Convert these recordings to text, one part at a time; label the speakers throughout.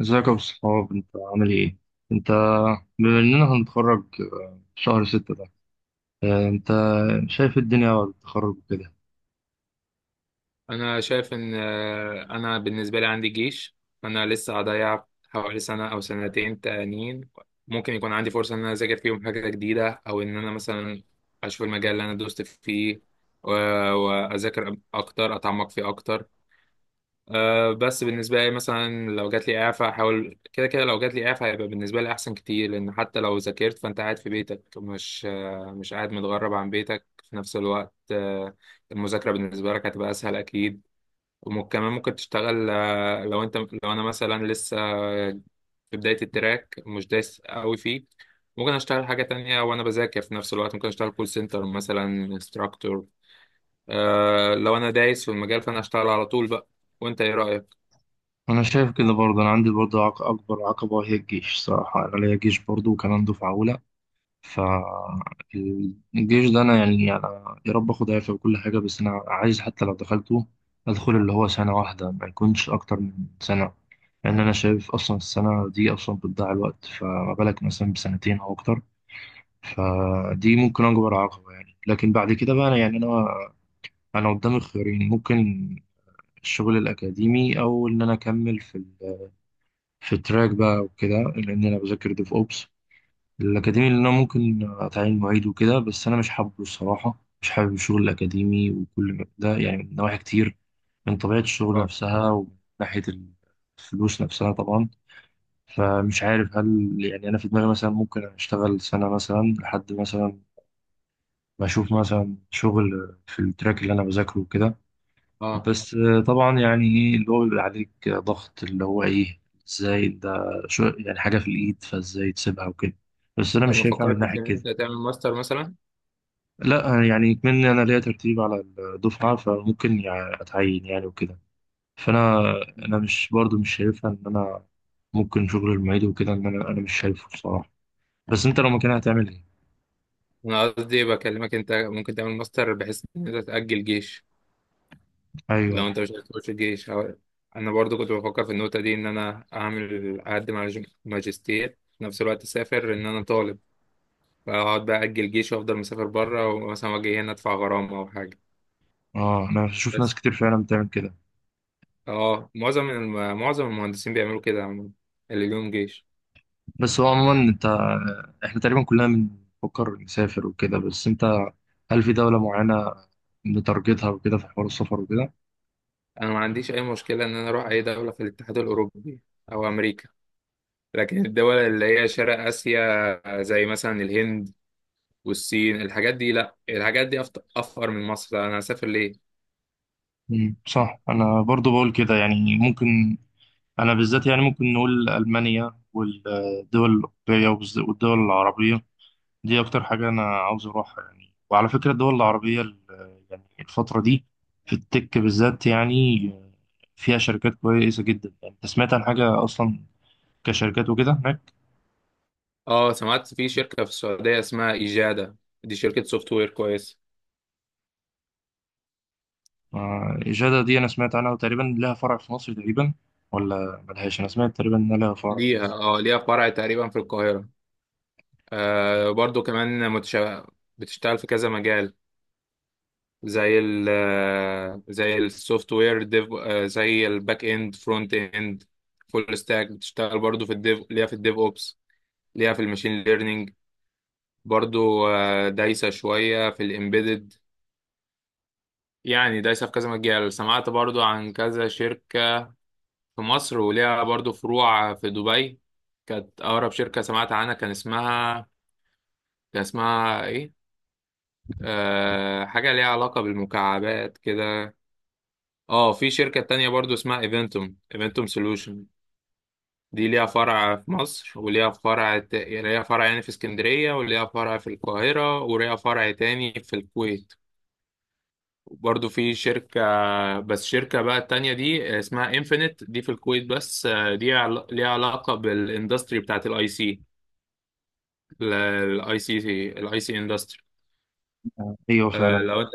Speaker 1: ازيك يا ابو الصحاب انت عامل ايه؟ انت بما اننا هنتخرج شهر ستة ده. انت شايف الدنيا بعد التخرج وكده.
Speaker 2: انا شايف ان انا بالنسبه لي عندي جيش، فانا لسه هضيع حوالي سنه او سنتين تانيين. ممكن يكون عندي فرصه ان انا اذاكر فيهم حاجه جديده، او ان انا مثلا اشوف المجال اللي انا دوست فيه و- واذاكر اكتر، اتعمق فيه اكتر. بس بالنسبه لي، مثلا لو جات لي اعفاء، احاول كده كده. لو جات لي اعفاء هيبقى بالنسبه لي احسن كتير، لان حتى لو ذاكرت فانت قاعد في بيتك، مش قاعد متغرب عن بيتك في نفس الوقت. المذاكرة بالنسبة لك هتبقى أسهل أكيد. وكمان ممكن تشتغل. لو انا مثلا لسه في بداية التراك، مش دايس قوي فيه، ممكن اشتغل حاجة تانية وانا بذاكر في نفس الوقت. ممكن اشتغل كول سنتر مثلا، انستراكتور. لو انا دايس في المجال، فانا اشتغل على طول بقى. وانت ايه رأيك؟
Speaker 1: انا شايف كده برضه، انا عندي برضه اكبر عقبة هي الجيش. صراحة انا ليا جيش برضه وكمان دفعة اولى. فالجيش ده انا يعني انا يا رب اخد عافية وكل حاجة، بس انا عايز حتى لو دخلته ادخل اللي هو سنة واحدة، ما يكونش اكتر من سنة، لان انا شايف اصلا السنة دي اصلا بتضيع الوقت، فما بالك مثلا بسنتين او اكتر. فدي ممكن أكبر عقبة يعني. لكن بعد كده بقى أنا يعني أنا قدامي خيارين ممكن: الشغل الأكاديمي، أو إن أنا أكمل في في التراك بقى وكده، لأن أنا بذاكر ديف أوبس. الأكاديمي اللي أنا ممكن أتعين معيد وكده، بس أنا مش حابه الصراحة مش حابب الشغل الأكاديمي وكل ده، يعني من نواحي كتير، من طبيعة الشغل
Speaker 2: اه،
Speaker 1: نفسها، ومن ناحية الفلوس نفسها طبعا. فمش عارف، هل يعني أنا في دماغي مثلا ممكن أشتغل سنة مثلا لحد مثلا بشوف مثلا شغل في التراك اللي انا بذاكره وكده.
Speaker 2: اه.
Speaker 1: بس طبعا يعني ايه اللي هو بيبقى عليك ضغط، اللي هو ايه؟ ازاي ده؟ شو يعني حاجه في الايد فازاي تسيبها وكده. بس انا
Speaker 2: طب
Speaker 1: مش
Speaker 2: ما
Speaker 1: شايفها من
Speaker 2: فكرتش
Speaker 1: ناحيه
Speaker 2: ان
Speaker 1: كده.
Speaker 2: انت تعمل ماستر مثلا؟
Speaker 1: لا يعني مني، انا ليا ترتيب على الدفعه فممكن يعني اتعين يعني وكده. فانا مش برضو مش شايفها ان انا ممكن شغل المعيد وكده، ان انا مش شايفه بصراحه. بس انت لو مكانها هتعمل ايه؟
Speaker 2: انا قصدي بكلمك، انت ممكن تعمل ماستر بحيث ان انت تأجل جيش.
Speaker 1: ايوه.
Speaker 2: لو انت مش عايز تخش الجيش انا برضو كنت بفكر في النقطه دي، ان انا اقدم على ماجستير في نفس الوقت، اسافر ان انا طالب، فاقعد بقى اجل جيش وافضل مسافر بره، ومثلا واجي هنا ادفع غرامه او حاجه.
Speaker 1: اه، انا بشوف ناس
Speaker 2: بس،
Speaker 1: كتير فعلا بتعمل كده.
Speaker 2: اه، معظم المهندسين بيعملوا كده عموما، اللي ليهم جيش.
Speaker 1: بس هو عموما انت، احنا تقريبا كلنا بنفكر نسافر وكده، بس انت هل في دولة معينة بتارجتها وكده في حوار السفر وكده؟
Speaker 2: انا ما عنديش اي مشكله ان انا اروح اي دوله في الاتحاد الاوروبي، او امريكا. لكن الدول اللي هي شرق اسيا، زي مثلا الهند والصين، الحاجات دي لا، الحاجات دي افقر من مصر، انا هسافر ليه؟
Speaker 1: مم، صح. انا برضو بقول كده، يعني ممكن انا بالذات يعني ممكن نقول المانيا والدول الاوروبيه والدول العربيه، دي اكتر حاجه انا عاوز اروحها يعني. وعلى فكره الدول العربيه يعني الفتره دي في التك بالذات يعني فيها شركات كويسه جدا، يعني انت سمعت عن حاجه اصلا كشركات وكده هناك؟
Speaker 2: اه، سمعت في شركة في السعودية اسمها إجادة، دي شركة سوفت وير كويسة.
Speaker 1: إجادة دي أنا سمعت عنها، وتقريبا لها فرع في مصر تقريبا، ولا ملهاش؟ أنا سمعت تقريبا إنها لها فرع في
Speaker 2: ليها
Speaker 1: مصر.
Speaker 2: اه ليها فرع تقريبا في القاهرة. برضو كمان بتشتغل في كذا مجال، زي ال آه، زي السوفت وير ديف، زي الباك اند، فرونت اند، فول ستاك. بتشتغل برضو في الديف، ليها في الديف اوبس، ليها في الماشين ليرنينج. برضو دايسة شوية في الامبيدد. يعني دايسة في كذا مجال. سمعت برضو عن كذا شركة في مصر وليها برضو فروع في دبي. كانت أقرب شركة سمعت عنها، كان اسمها إيه؟ حاجة ليها علاقة بالمكعبات كده. اه، في شركة تانية برضو اسمها ايفنتوم سولوشن، دي ليها فرع في مصر، وليها فرع ليها فرع يعني في اسكندرية، وليها فرع في القاهرة، وليها فرع تاني في الكويت. برضو في شركة، بس شركة بقى التانية دي اسمها انفينيت، دي في الكويت. بس دي ليها علاقة بالاندستري بتاعت الاي سي. الاي سي الاي سي اندستري.
Speaker 1: أيوة فعلا.
Speaker 2: لو انت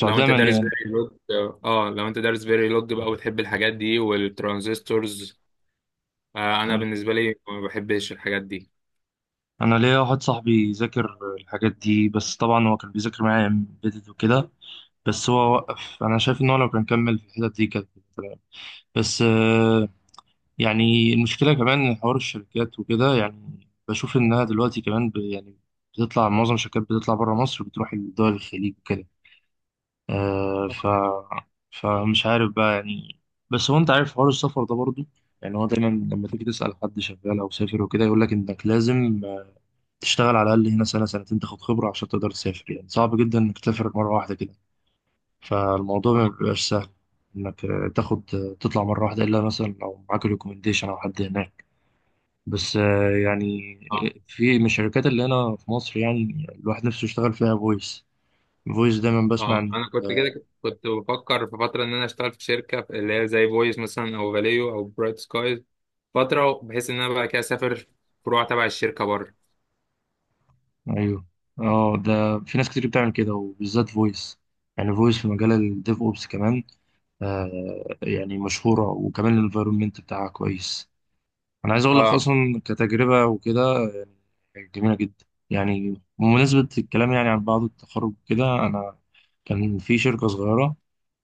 Speaker 2: لو انت دارس
Speaker 1: مليانة.
Speaker 2: فيري لوج، اه، لو انت دارس فيري لوج بقى، وتحب الحاجات دي والترانزستورز. انا
Speaker 1: أيوة.
Speaker 2: بالنسبه لي ما بحبش الحاجات دي.
Speaker 1: أنا ليا واحد صاحبي ذاكر الحاجات دي، بس طبعا هو كان بيذاكر معايا امبيدد وكده، بس هو وقف. أنا شايف إن هو لو كان كمل في الحتت دي كانت تمام. بس يعني المشكلة كمان إن حوار الشركات وكده، يعني بشوف إنها دلوقتي كمان يعني معظم الشركات بتطلع بره مصر، بتروح لدول الخليج وكده. آه ف فمش عارف بقى يعني. بس هو انت عارف حوار السفر ده برضو، يعني هو دايما لما تيجي تسأل حد شغال او سافر وكده يقول لك انك لازم تشتغل على الاقل هنا سنة سنتين، تاخد خبرة عشان تقدر تسافر. يعني صعب جدا انك تسافر مرة واحدة كده، فالموضوع
Speaker 2: اه،
Speaker 1: ما بيبقاش سهل انك تاخد آه، تطلع مرة واحدة، الا مثلا لو معاك ريكومنديشن او حد هناك. بس يعني
Speaker 2: اه،
Speaker 1: في من الشركات اللي هنا في مصر يعني الواحد نفسه يشتغل فيها فويس دايما بسمع
Speaker 2: اه،
Speaker 1: عن.
Speaker 2: انا كنت كده. كنت بفكر في فتره ان انا اشتغل في شركه، اللي هي زي فويس مثلا، او فاليو، او برايت سكايز، فتره بحيث ان انا بقى كده اسافر فروع تبع الشركه بره.
Speaker 1: ايوه. اه، ده في ناس كتير بتعمل كده، وبالذات فويس، يعني فويس في مجال الديف اوبس كمان. آه، يعني مشهوره، وكمان الانفايرمنت بتاعها كويس. انا عايز اقول لك
Speaker 2: اه،
Speaker 1: اصلا كتجربه وكده يعني جميله جدا. يعني بمناسبه الكلام يعني عن بعض التخرج كده، انا كان في شركه صغيره،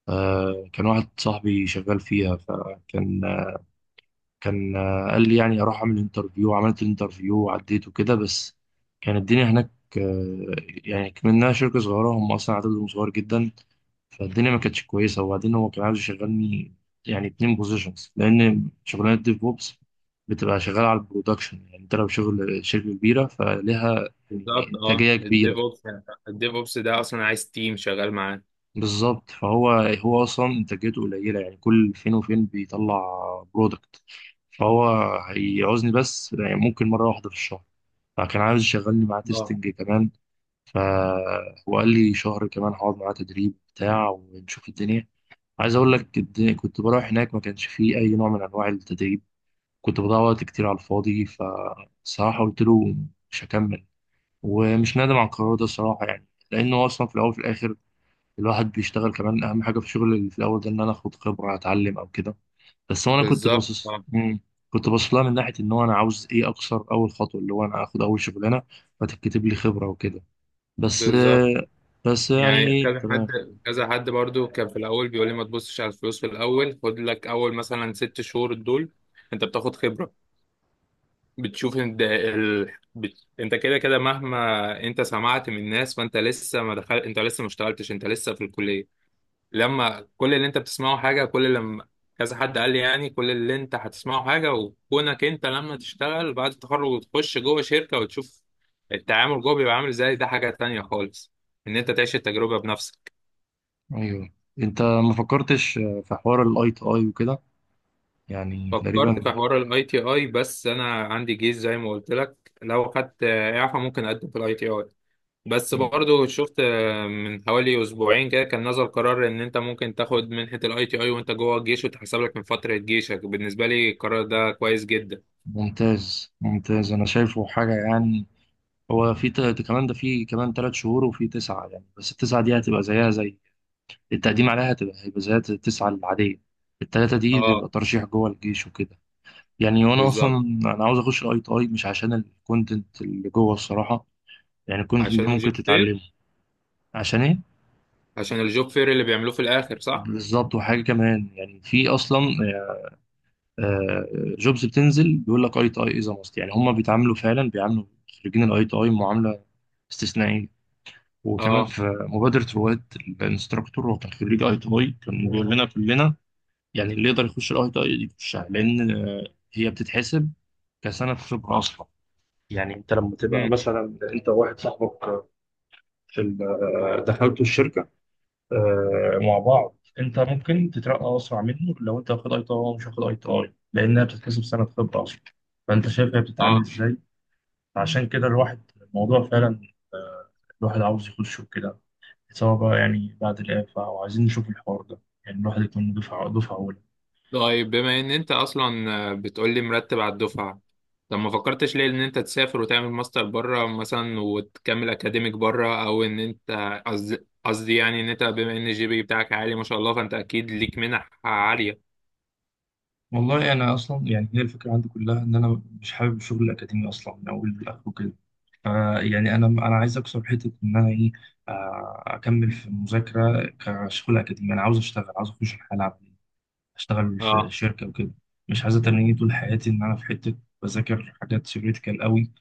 Speaker 1: آه كان واحد صاحبي شغال فيها، فكان كان قال لي يعني اروح اعمل انترفيو. عملت الانترفيو وعديت وكده، بس كان الدنيا هناك آه، يعني كمنها شركة صغيرة، هم اصلا عددهم صغير جدا، فالدنيا ما كانتش كويسة. وبعدين هو كان عايز يشغلني يعني 2 بوزيشنز، لان شغلانة ديف بوبس بتبقى شغالة على البرودكشن، يعني انت لو شغل شركة كبيرة فليها يعني
Speaker 2: بالظبط، اه،
Speaker 1: انتاجية
Speaker 2: الديف
Speaker 1: كبيرة.
Speaker 2: اوبس. الديف اوبس ده اصلا عايز تيم شغال معاه.
Speaker 1: بالظبط. فهو اصلا انتاجيته قليله، يعني كل فين وفين بيطلع برودكت، فهو هيعوزني بس يعني ممكن مره واحده في الشهر. فكان عايز يشغلني معاه
Speaker 2: اه،
Speaker 1: تيستنج كمان. فهو قال لي شهر كمان هقعد معاه تدريب بتاع ونشوف الدنيا. عايز اقول لك الدنيا كنت بروح هناك ما كانش فيه اي نوع من انواع التدريب، كنت بضيع وقت كتير على الفاضي، فصراحه قلت له مش هكمل. ومش نادم على القرار ده صراحه، يعني لانه اصلا في الاول وفي الاخر الواحد بيشتغل، كمان اهم حاجه في الشغل اللي في الاول ده ان انا اخد خبره، اتعلم او كده. بس هو انا كنت
Speaker 2: بالظبط.
Speaker 1: باصص.
Speaker 2: آه.
Speaker 1: مم. كنت باصص لها من ناحيه ان هو انا عاوز ايه، اكسر اول خطوه اللي هو انا اخد اول شغلانه فتتكتب لي خبره وكده. بس
Speaker 2: بالظبط.
Speaker 1: بس يعني
Speaker 2: يعني
Speaker 1: ايه
Speaker 2: كذا
Speaker 1: تمام.
Speaker 2: حد كذا حد برضو كان في الاول بيقول لي، ما تبصش على الفلوس في الاول، خد لك اول مثلا 6 شهور دول انت بتاخد خبره، بتشوف انت كده كده مهما انت سمعت من ناس، فانت لسه، ما اشتغلتش، انت لسه في الكليه. لما كل اللي انت بتسمعه حاجة، كل لما كذا حد قال لي يعني، كل اللي انت هتسمعه حاجة، وكونك انت لما تشتغل بعد التخرج وتخش جوه شركة وتشوف التعامل جوه بيبقى عامل ازاي، ده حاجة تانية خالص، ان انت تعيش التجربة بنفسك.
Speaker 1: ايوه. انت ما فكرتش في حوار الاي تي اي وكده، يعني
Speaker 2: فكرت في
Speaker 1: تقريبا؟
Speaker 2: حوار الاي تي اي، بس انا عندي جيش زي ما قلت لك. لو خدت اعفاء ممكن اقدم في الاي تي اي. بس برضو شفت من حوالي اسبوعين كده، كان نزل قرار ان انت ممكن تاخد منحة الاي تي اي وانت جوه الجيش، وتحسب لك من فترة جيشك. بالنسبة لي القرار ده كويس جدا.
Speaker 1: ممتاز ممتاز. انا شايفه حاجه، يعني هو في كمان ده في كمان 3 شهور وفي 9، يعني بس التسعه دي هتبقى زيها زي التقديم عليها، هيبقى زي التسعة العادية. التلاتة دي بيبقى
Speaker 2: اه،
Speaker 1: ترشيح جوه الجيش وكده. يعني وأنا أصلا
Speaker 2: بالظبط،
Speaker 1: أنا عاوز أخش الأي تي أي مش عشان الكونتنت اللي جوه الصراحة، يعني الكونتنت
Speaker 2: عشان
Speaker 1: ده
Speaker 2: الجوب
Speaker 1: ممكن
Speaker 2: فير.
Speaker 1: تتعلمه. عشان إيه؟
Speaker 2: عشان الجوب فير اللي بيعملوه في الاخر، صح.
Speaker 1: بالظبط. وحاجة كمان يعني في أصلا جوبز بتنزل بيقول لك أي تي أي إذا ماست، يعني هما بيتعاملوا فعلا بيعاملوا خريجين الأي تي أي معاملة استثنائية. وكمان
Speaker 2: اه.
Speaker 1: في مبادرة رواد. الانستراكتور هو كان خريج اي تي اي، كان بيقول لنا كلنا يعني اللي يقدر يخش الاي تي اي يخشها، لان هي بتتحسب كسنه خبره اصلا. يعني انت لما تبقى
Speaker 2: امم.
Speaker 1: مثلا انت واحد صاحبك في دخلتوا الشركه مع بعض، انت ممكن تترقى اسرع منه لو انت واخد اي تي اي ومش واخد اي تي اي، لانها بتتحسب سنه خبره اصلا. فانت شايف هي بتتعامل
Speaker 2: اه.
Speaker 1: ازاي. عشان كده الواحد الموضوع فعلا آه، الواحد عاوز يخشه كده، سواء بقى يعني بعد الإعفاء وعايزين نشوف الحوار ده، يعني الواحد يكون دفعة أولى.
Speaker 2: طيب، بما ان انت اصلا بتقولي مرتب على الدفعه، طب ما فكرتش ليه ان انت تسافر وتعمل ماستر بره مثلا، وتكمل اكاديميك بره، او ان انت، قصدي يعني ان انت، بما ان الجي بي بتاعك عالي ما شاء الله، فانت اكيد ليك منح عاليه.
Speaker 1: والله انا اصلا يعني هي الفكره عندي كلها ان انا مش حابب الشغل الاكاديمي اصلا من اول لاخره كده. فا يعني انا عايز اكسر حته ان انا ايه، اكمل في المذاكره كشغل اكاديمي. انا عاوز اشتغل، عاوز اخش الحياه العمليه، اشتغل في
Speaker 2: اه،
Speaker 1: شركه وكده. مش عايز اتنيني طول حياتي ان انا في حته بذاكر حاجات ثيوريتيكال قوي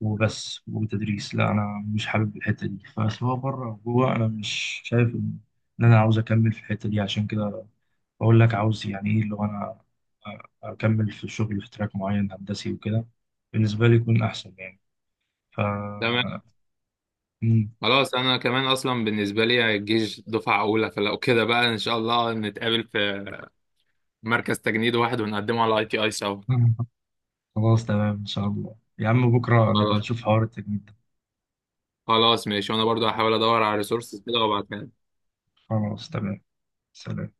Speaker 1: وبس وتدريس. لا انا مش حابب الحته دي، فسواء بره او جوه انا مش شايف ان إن انا عاوز اكمل في الحته دي. عشان كده بقول لك عاوز يعني ايه، لو انا اكمل في الشغل في تراك معين هندسي وكده بالنسبه لي يكون احسن يعني. ف
Speaker 2: تمام.
Speaker 1: مم.
Speaker 2: خلاص، انا كمان اصلا بالنسبه لي الجيش دفعه اولى، فلو كده بقى ان شاء الله نتقابل في مركز تجنيد واحد، ونقدمه على اي تي اي سوا.
Speaker 1: خلاص تمام، ان شاء الله يا عم بكره نبقى
Speaker 2: خلاص.
Speaker 1: نشوف حوار التجميد ده.
Speaker 2: خلاص، ماشي. وانا برضو هحاول ادور على ريسورسز كده وابعتها لك.
Speaker 1: خلاص تمام. سلام.